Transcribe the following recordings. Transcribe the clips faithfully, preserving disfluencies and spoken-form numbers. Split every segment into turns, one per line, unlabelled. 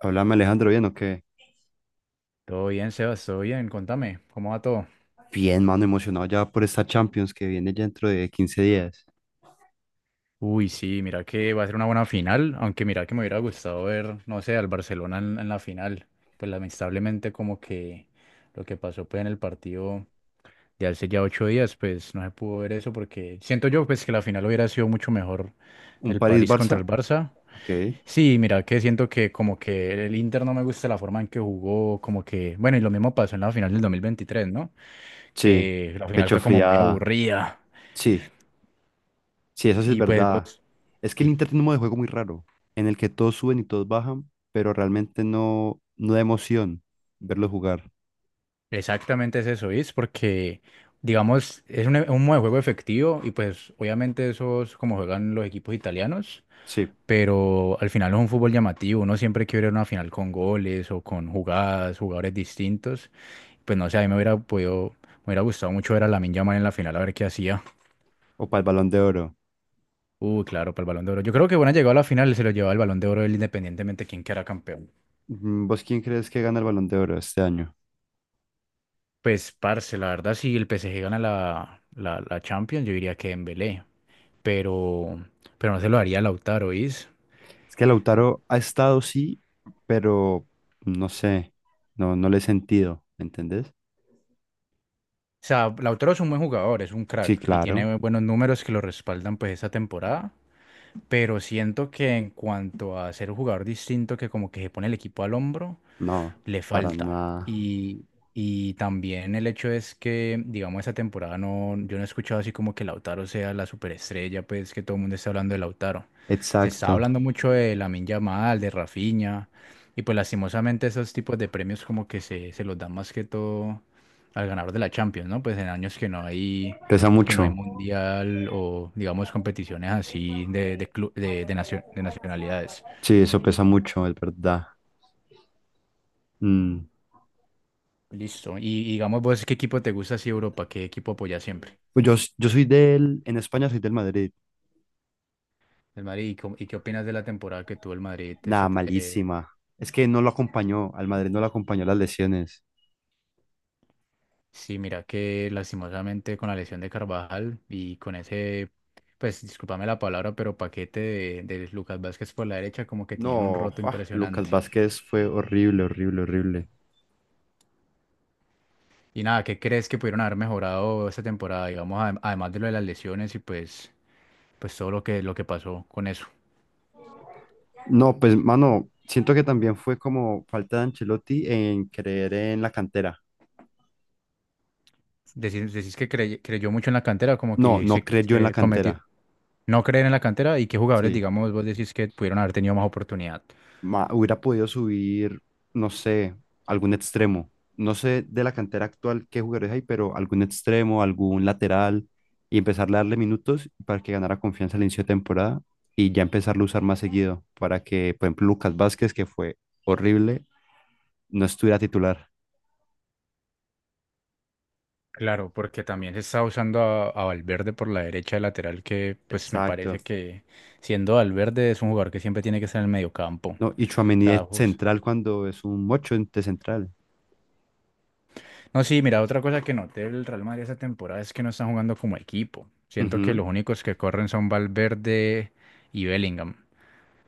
Háblame, Alejandro, ¿bien o qué?
Todo bien, Sebas, todo bien, contame, ¿cómo va todo?
Bien, mano, emocionado ya por esta Champions que viene ya dentro de quince días.
Uy, sí, mira que va a ser una buena final, aunque mira que me hubiera gustado ver, no sé, al Barcelona en, en la final. Pues lamentablemente como que lo que pasó pues en el partido de hace ya ocho días, pues no se pudo ver eso porque siento yo pues que la final hubiera sido mucho mejor
¿Un
el París
París-Barça?
contra el Barça.
Ok.
Sí, mira que siento que como que el Inter no me gusta la forma en que jugó, como que, bueno, y lo mismo pasó en la final del dos mil veintitrés, ¿no?
Sí.
Que la final
Pecho
fue como muy
friada.
aburrida.
Sí. Sí, eso sí es
Y pues
verdad.
vos.
Es que el Inter tiene un modo de juego muy raro, en el que todos suben y todos bajan, pero realmente no, no da emoción verlo jugar.
Exactamente es eso, es porque, digamos, es un, e- un modo de juego efectivo y pues obviamente eso es como juegan los equipos italianos,
Sí.
pero al final es un fútbol llamativo, uno siempre quiere ver una final con goles o con jugadas, jugadores distintos, pues no sé, a mí me hubiera podido, me hubiera gustado mucho ver a Lamine Yamal en la final, a ver qué hacía.
O para el Balón de Oro.
Uh, claro, para el Balón de Oro. Yo creo que bueno, llegado a la final se lo llevaba el Balón de Oro él independientemente de quién quedara campeón.
Mm, ¿vos quién crees que gana el Balón de Oro este año?
Pues, parce, la verdad, si el P S G gana la, la, la Champions, yo diría que Dembélé. pero, pero no se lo haría a Lautaro, ¿oís?
Es que Lautaro ha estado, sí, pero no sé. No, no le he sentido, ¿me entendés?
O sea, Lautaro es un buen jugador, es un
Sí,
crack y
claro.
tiene buenos números que lo respaldan pues esta temporada, pero siento que en cuanto a ser un jugador distinto que como que se pone el equipo al hombro,
No,
le
para
falta.
nada.
Y, y también el hecho es que, digamos, esa temporada no, yo no he escuchado así como que Lautaro sea la superestrella, pues que todo el mundo está hablando de Lautaro. Se está
Exacto.
hablando mucho de Lamine Yamal, de Rafinha, y pues lastimosamente esos tipos de premios como que se, se los dan más que todo al ganador de la Champions, ¿no? Pues en años que no hay,
Pesa
que no
mucho.
hay mundial o digamos competiciones así de, de, clu- de, de nacio- de nacionalidades.
Sí, eso pesa mucho, es verdad. Mm.
Listo. Y y digamos vos, ¿qué equipo te gusta así de Europa? ¿Qué equipo apoyas siempre?
Pues yo, s- yo soy del, en España soy del Madrid.
El Madrid. ¿Y, cómo- y qué opinas de la temporada que tuvo el Madrid?
Nada,
Esa- eh,
malísima. Es que no lo acompañó, al Madrid no lo acompañó las lesiones.
sí, mira que lastimosamente con la lesión de Carvajal y con ese, pues discúlpame la palabra, pero paquete de, de Lucas Vázquez por la derecha como que tenían un
No,
roto
ah, Lucas
impresionante.
Vázquez fue horrible, horrible, horrible.
Y nada, ¿qué crees que pudieron haber mejorado esta temporada? Digamos, adem- además de lo de las lesiones y pues, pues todo lo que, lo que pasó con eso.
No, pues, mano, siento que también fue como falta de Ancelotti en creer en la cantera.
Decís, decís que crey- creyó mucho en la cantera, como
No,
que
no
se,
creyó en la
se cometió
cantera.
no creer en la cantera y qué jugadores,
Sí.
digamos, vos decís que pudieron haber tenido más oportunidad.
Ma- hubiera podido subir, no sé, algún extremo. No sé de la cantera actual qué jugadores hay, pero algún extremo, algún lateral, y empezarle a darle minutos para que ganara confianza al inicio de temporada y ya empezarlo a usar más seguido para que, por ejemplo, Lucas Vázquez, que fue horrible, no estuviera titular.
Claro, porque también se está usando a, a Valverde por la derecha de lateral, que pues me parece
Exacto.
que siendo Valverde es un jugador que siempre tiene que estar en el mediocampo.
No, y
O
Tchouaméni
sea,
de
jus-
central cuando es un ocho de central.
no, sí, mira, otra cosa que noté del Real Madrid esta temporada es que no están jugando como equipo. Siento que los
Ujú.
únicos que corren son Valverde y Bellingham.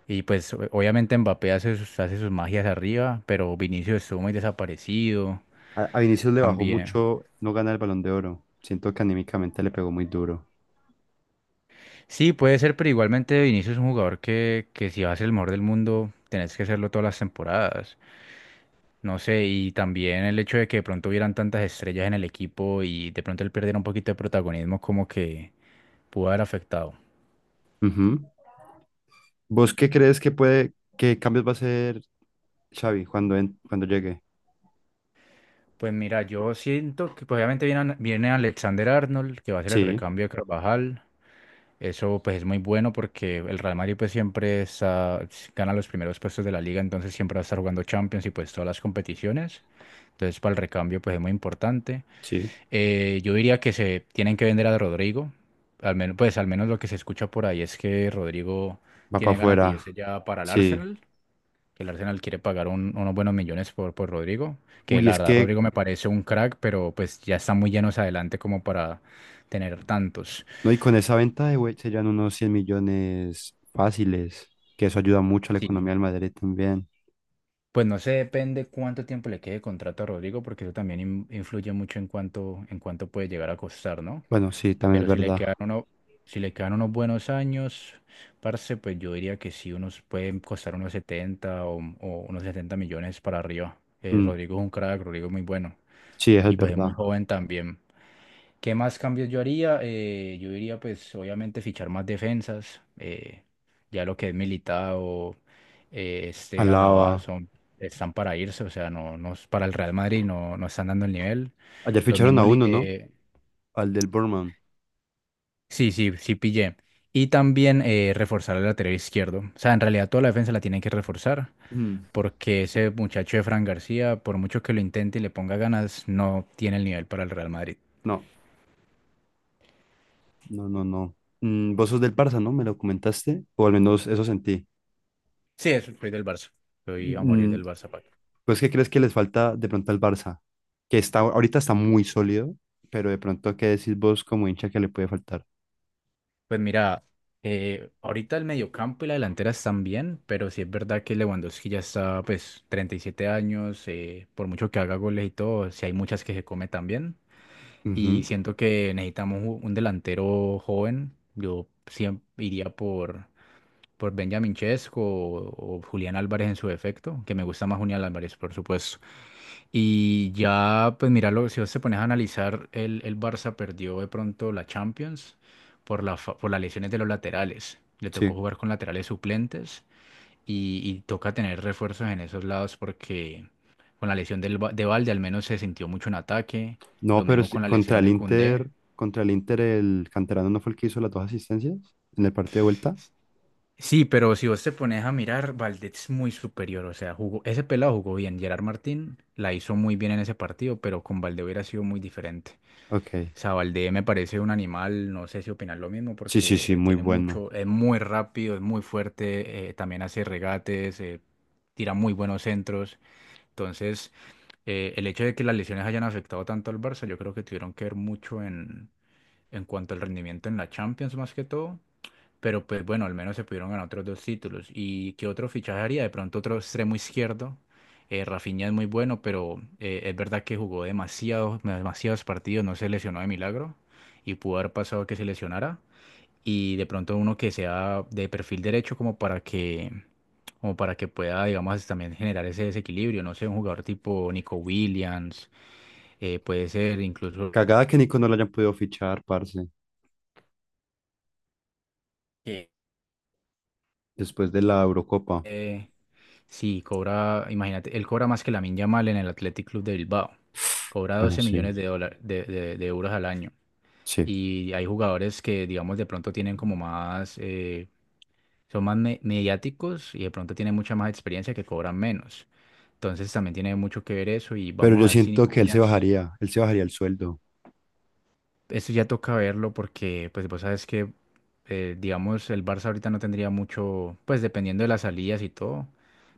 Y pues o- obviamente Mbappé hace sus, hace sus magias arriba, pero Vinicius estuvo muy desaparecido
A, a Vinicius le bajó
también.
mucho no ganar el Balón de Oro. Siento que anímicamente le pegó muy duro.
Sí, puede ser, pero igualmente Vinicius es un jugador que, que si vas a ser el mejor del mundo, tenés que hacerlo todas las temporadas. No sé, y también el hecho de que de pronto hubieran tantas estrellas en el equipo y de pronto él perdiera un poquito de protagonismo como que pudo haber afectado.
Ujú. ¿Vos qué crees que puede, qué cambios va a hacer Xavi cuando, en- cuando llegue?
Pues mira, yo siento que pues, obviamente viene, An- viene Alexander Arnold, que va a ser el
Sí,
recambio de Carvajal. Eso pues es muy bueno porque el Real Madrid pues siempre está, gana los primeros puestos de la liga, entonces siempre va a estar jugando Champions y pues todas las competiciones. Entonces para el recambio pues es muy importante.
sí,
Eh, yo diría que se tienen que vender a Rodrigo. Al menos, pues al menos lo que se escucha por ahí es que Rodrigo
va para
tiene ganas de
afuera,
irse ya para el
sí.
Arsenal, que el Arsenal quiere pagar un- unos buenos millones por, por Rodrigo, que
Uy,
la
es
verdad
que,
Rodrigo me parece un crack, pero pues ya está muy llenos adelante como para tener tantos.
no, y con esa venta de güey serían unos cien millones fáciles, que eso ayuda mucho a la economía del
Sí.
Madrid también.
Pues no sé, depende cuánto tiempo le quede de contrato a Rodrigo, porque eso también in- influye mucho en cuánto, en cuánto puede llegar a costar, ¿no?
Bueno, sí, también es
Pero si le
verdad.
quedan uno, si le quedan unos buenos años, parce, pues yo diría que sí, unos pueden costar unos setenta o, o unos setenta millones para arriba. Eh,
Mm,
Rodrigo es un crack, Rodrigo es muy bueno.
sí, eso es
Y pues es muy
verdad.
joven también. ¿Qué más cambios yo haría? Eh, yo diría, pues, obviamente fichar más defensas, eh, ya lo que es Militao, eh, este Alaba
Alaba.
son, están para irse, o sea, no, no es- para el Real Madrid no, no están dando el nivel.
Ayer
Los
ficharon a
mismos, li-
uno, ¿no?
eh,
Al del Bournemouth.
sí, sí, sí pillé. Y también eh, reforzar el lateral izquierdo. O sea, en realidad toda la defensa la tienen que reforzar,
Mm,
porque ese muchacho de Fran García, por mucho que lo intente y le ponga ganas, no tiene el nivel para el Real Madrid.
no, no, no, no. Mm, vos sos del Barça, ¿no? ¿Me lo comentaste? O al menos eso sentí.
Sí, eso, soy del Barça. Soy a morir
Mm,
del Barça.
¿pues qué crees que les falta de pronto al Barça? Que está, ahorita está muy sólido, pero de pronto, ¿qué decís vos como hincha que le puede faltar?
Pues mira, eh, ahorita el mediocampo y la delantera están bien, pero sí es verdad que Lewandowski ya está, pues, treinta y siete años, eh, por mucho que haga goles y todo, sí hay muchas que se come también. Y
Ujú,
siento que necesitamos un un delantero joven. Yo siempre iría por, por Benjamin Chesco o, o Julián Álvarez en su defecto, que me gusta más Julián Álvarez, por supuesto. Y ya, pues míralo, si vos te pones a analizar, el, el Barça perdió de pronto la Champions por la, fa- por las lesiones de los laterales. Le tocó
sí.
jugar con laterales suplentes y, y toca tener refuerzos en esos lados porque con la lesión del, Ba- de Valde al menos se sintió mucho en ataque.
No,
Lo
pero
mismo
sí,
con la
contra
lesión
el
de Koundé.
Inter, contra el Inter, el canterano no fue el que hizo las dos asistencias en el partido de vuelta.
Sí, pero si vos te pones a mirar, Valde es muy superior. O sea, jugó, ese pelado jugó bien. Gerard Martín la hizo muy bien en ese partido, pero con Valde hubiera sido muy diferente.
Ok.
Sabaldé me parece un animal, no sé si opinas lo mismo,
Sí, sí,
porque
sí,
eh,
muy
tiene
bueno.
mucho, es muy rápido, es muy fuerte, eh, también hace regates, eh, tira muy buenos centros. Entonces, eh, el hecho de que las lesiones hayan afectado tanto al Barça, yo creo que tuvieron que ver mucho en, en cuanto al rendimiento en la Champions más que todo, pero pues bueno, al menos se pudieron ganar otros dos títulos. ¿Y qué otro fichaje haría? De pronto otro extremo izquierdo. Eh, Rafinha es muy bueno, pero eh, es verdad que jugó demasiados, demasiados partidos, no se lesionó de milagro y pudo haber pasado que se lesionara. Y de pronto uno que sea de perfil derecho como para que, como para que pueda, digamos, también generar ese desequilibrio. No sé, un jugador tipo Nico Williams, eh, puede ser incluso.
Cagada que Nico no lo hayan podido fichar, parce,
Sí.
después de la Eurocopa.
eh, Sí, cobra, imagínate, él cobra más que Lamine Yamal en el Athletic Club de Bilbao. Cobra
Bueno,
doce
sí,
millones de dólares, de, de- de euros al año.
sí.
Y hay jugadores que, digamos, de pronto tienen como más, eh, son más me- mediáticos y de pronto tienen mucha más experiencia que cobran menos. Entonces también tiene mucho que ver eso y
Pero
vamos a
yo
ver si
siento
Nico
que él se
Williams.
bajaría, él se bajaría el sueldo.
Eso ya toca verlo porque, pues, vos sabes que, eh, digamos, el Barça ahorita no tendría mucho, pues, dependiendo de las salidas y todo,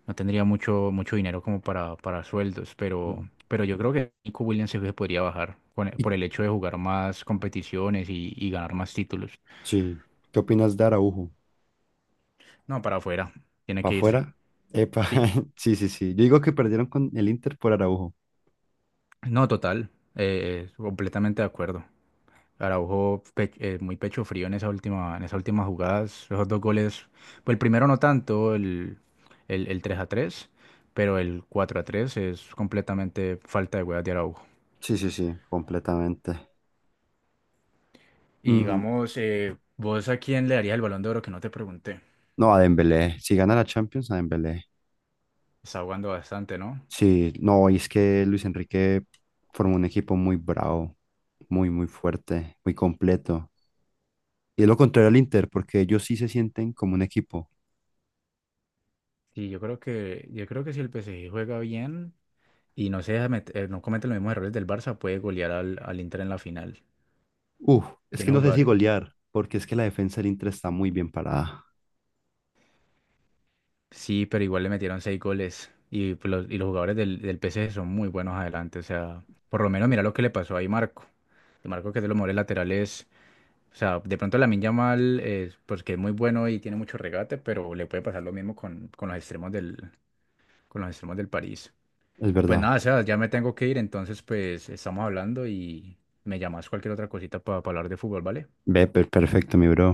no tendría mucho, mucho dinero como para, para sueldos,
Mm.
pero, pero yo creo que Nico Williams sí se podría bajar con-
Y,
por el hecho de jugar más competiciones y, y ganar más títulos.
sí. ¿Qué opinas de Araujo?
No, para afuera, tiene
¿Para
que irse.
afuera? Epa,
Sí,
sí, sí, sí. Yo digo que perdieron con el Inter por Araujo.
no, total, eh, completamente de acuerdo. Araujo pe- eh, muy pecho frío en esa última, en esas últimas jugadas. Esos dos goles, pues el primero no tanto, el, el, el tres a tres pero el cuatro a tres es completamente falta de huevas de Araujo.
Sí, sí, sí, completamente.
Y
Mm,
digamos, eh, ¿vos a quién le darías el Balón de Oro que no te pregunté?
no, a Dembélé. Si gana la Champions, a Dembélé.
Está jugando bastante, ¿no?
Sí, no, y es que Luis Enrique formó un equipo muy bravo, muy, muy fuerte, muy completo. Y es lo contrario al Inter, porque ellos sí se sienten como un equipo.
Sí, yo creo que, yo creo que si el P S G juega bien y no se deja met- eh, no comete los mismos errores del Barça, puede golear al, al Inter en la final.
Uf, es que
Tiene
no sé si
jugadores.
golear, porque es que la defensa del Inter está muy bien parada.
Sí, pero igual le metieron seis goles. Y, pues los, y los jugadores del, del P PSG son muy buenos adelante. O sea, por lo menos mira lo que le pasó ahí Marco. Y Marco que es de los mejores laterales. O sea, de pronto Lamine Yamal, eh, pues que es muy bueno y tiene mucho regate, pero le puede pasar lo mismo con, con los extremos del, con los extremos del París.
Es
Y pues
verdad.
nada, o sea, ya me tengo que ir, entonces pues estamos hablando y me llamas cualquier otra cosita para hablar de fútbol, ¿vale?
Ve, per- perfecto, mi bro.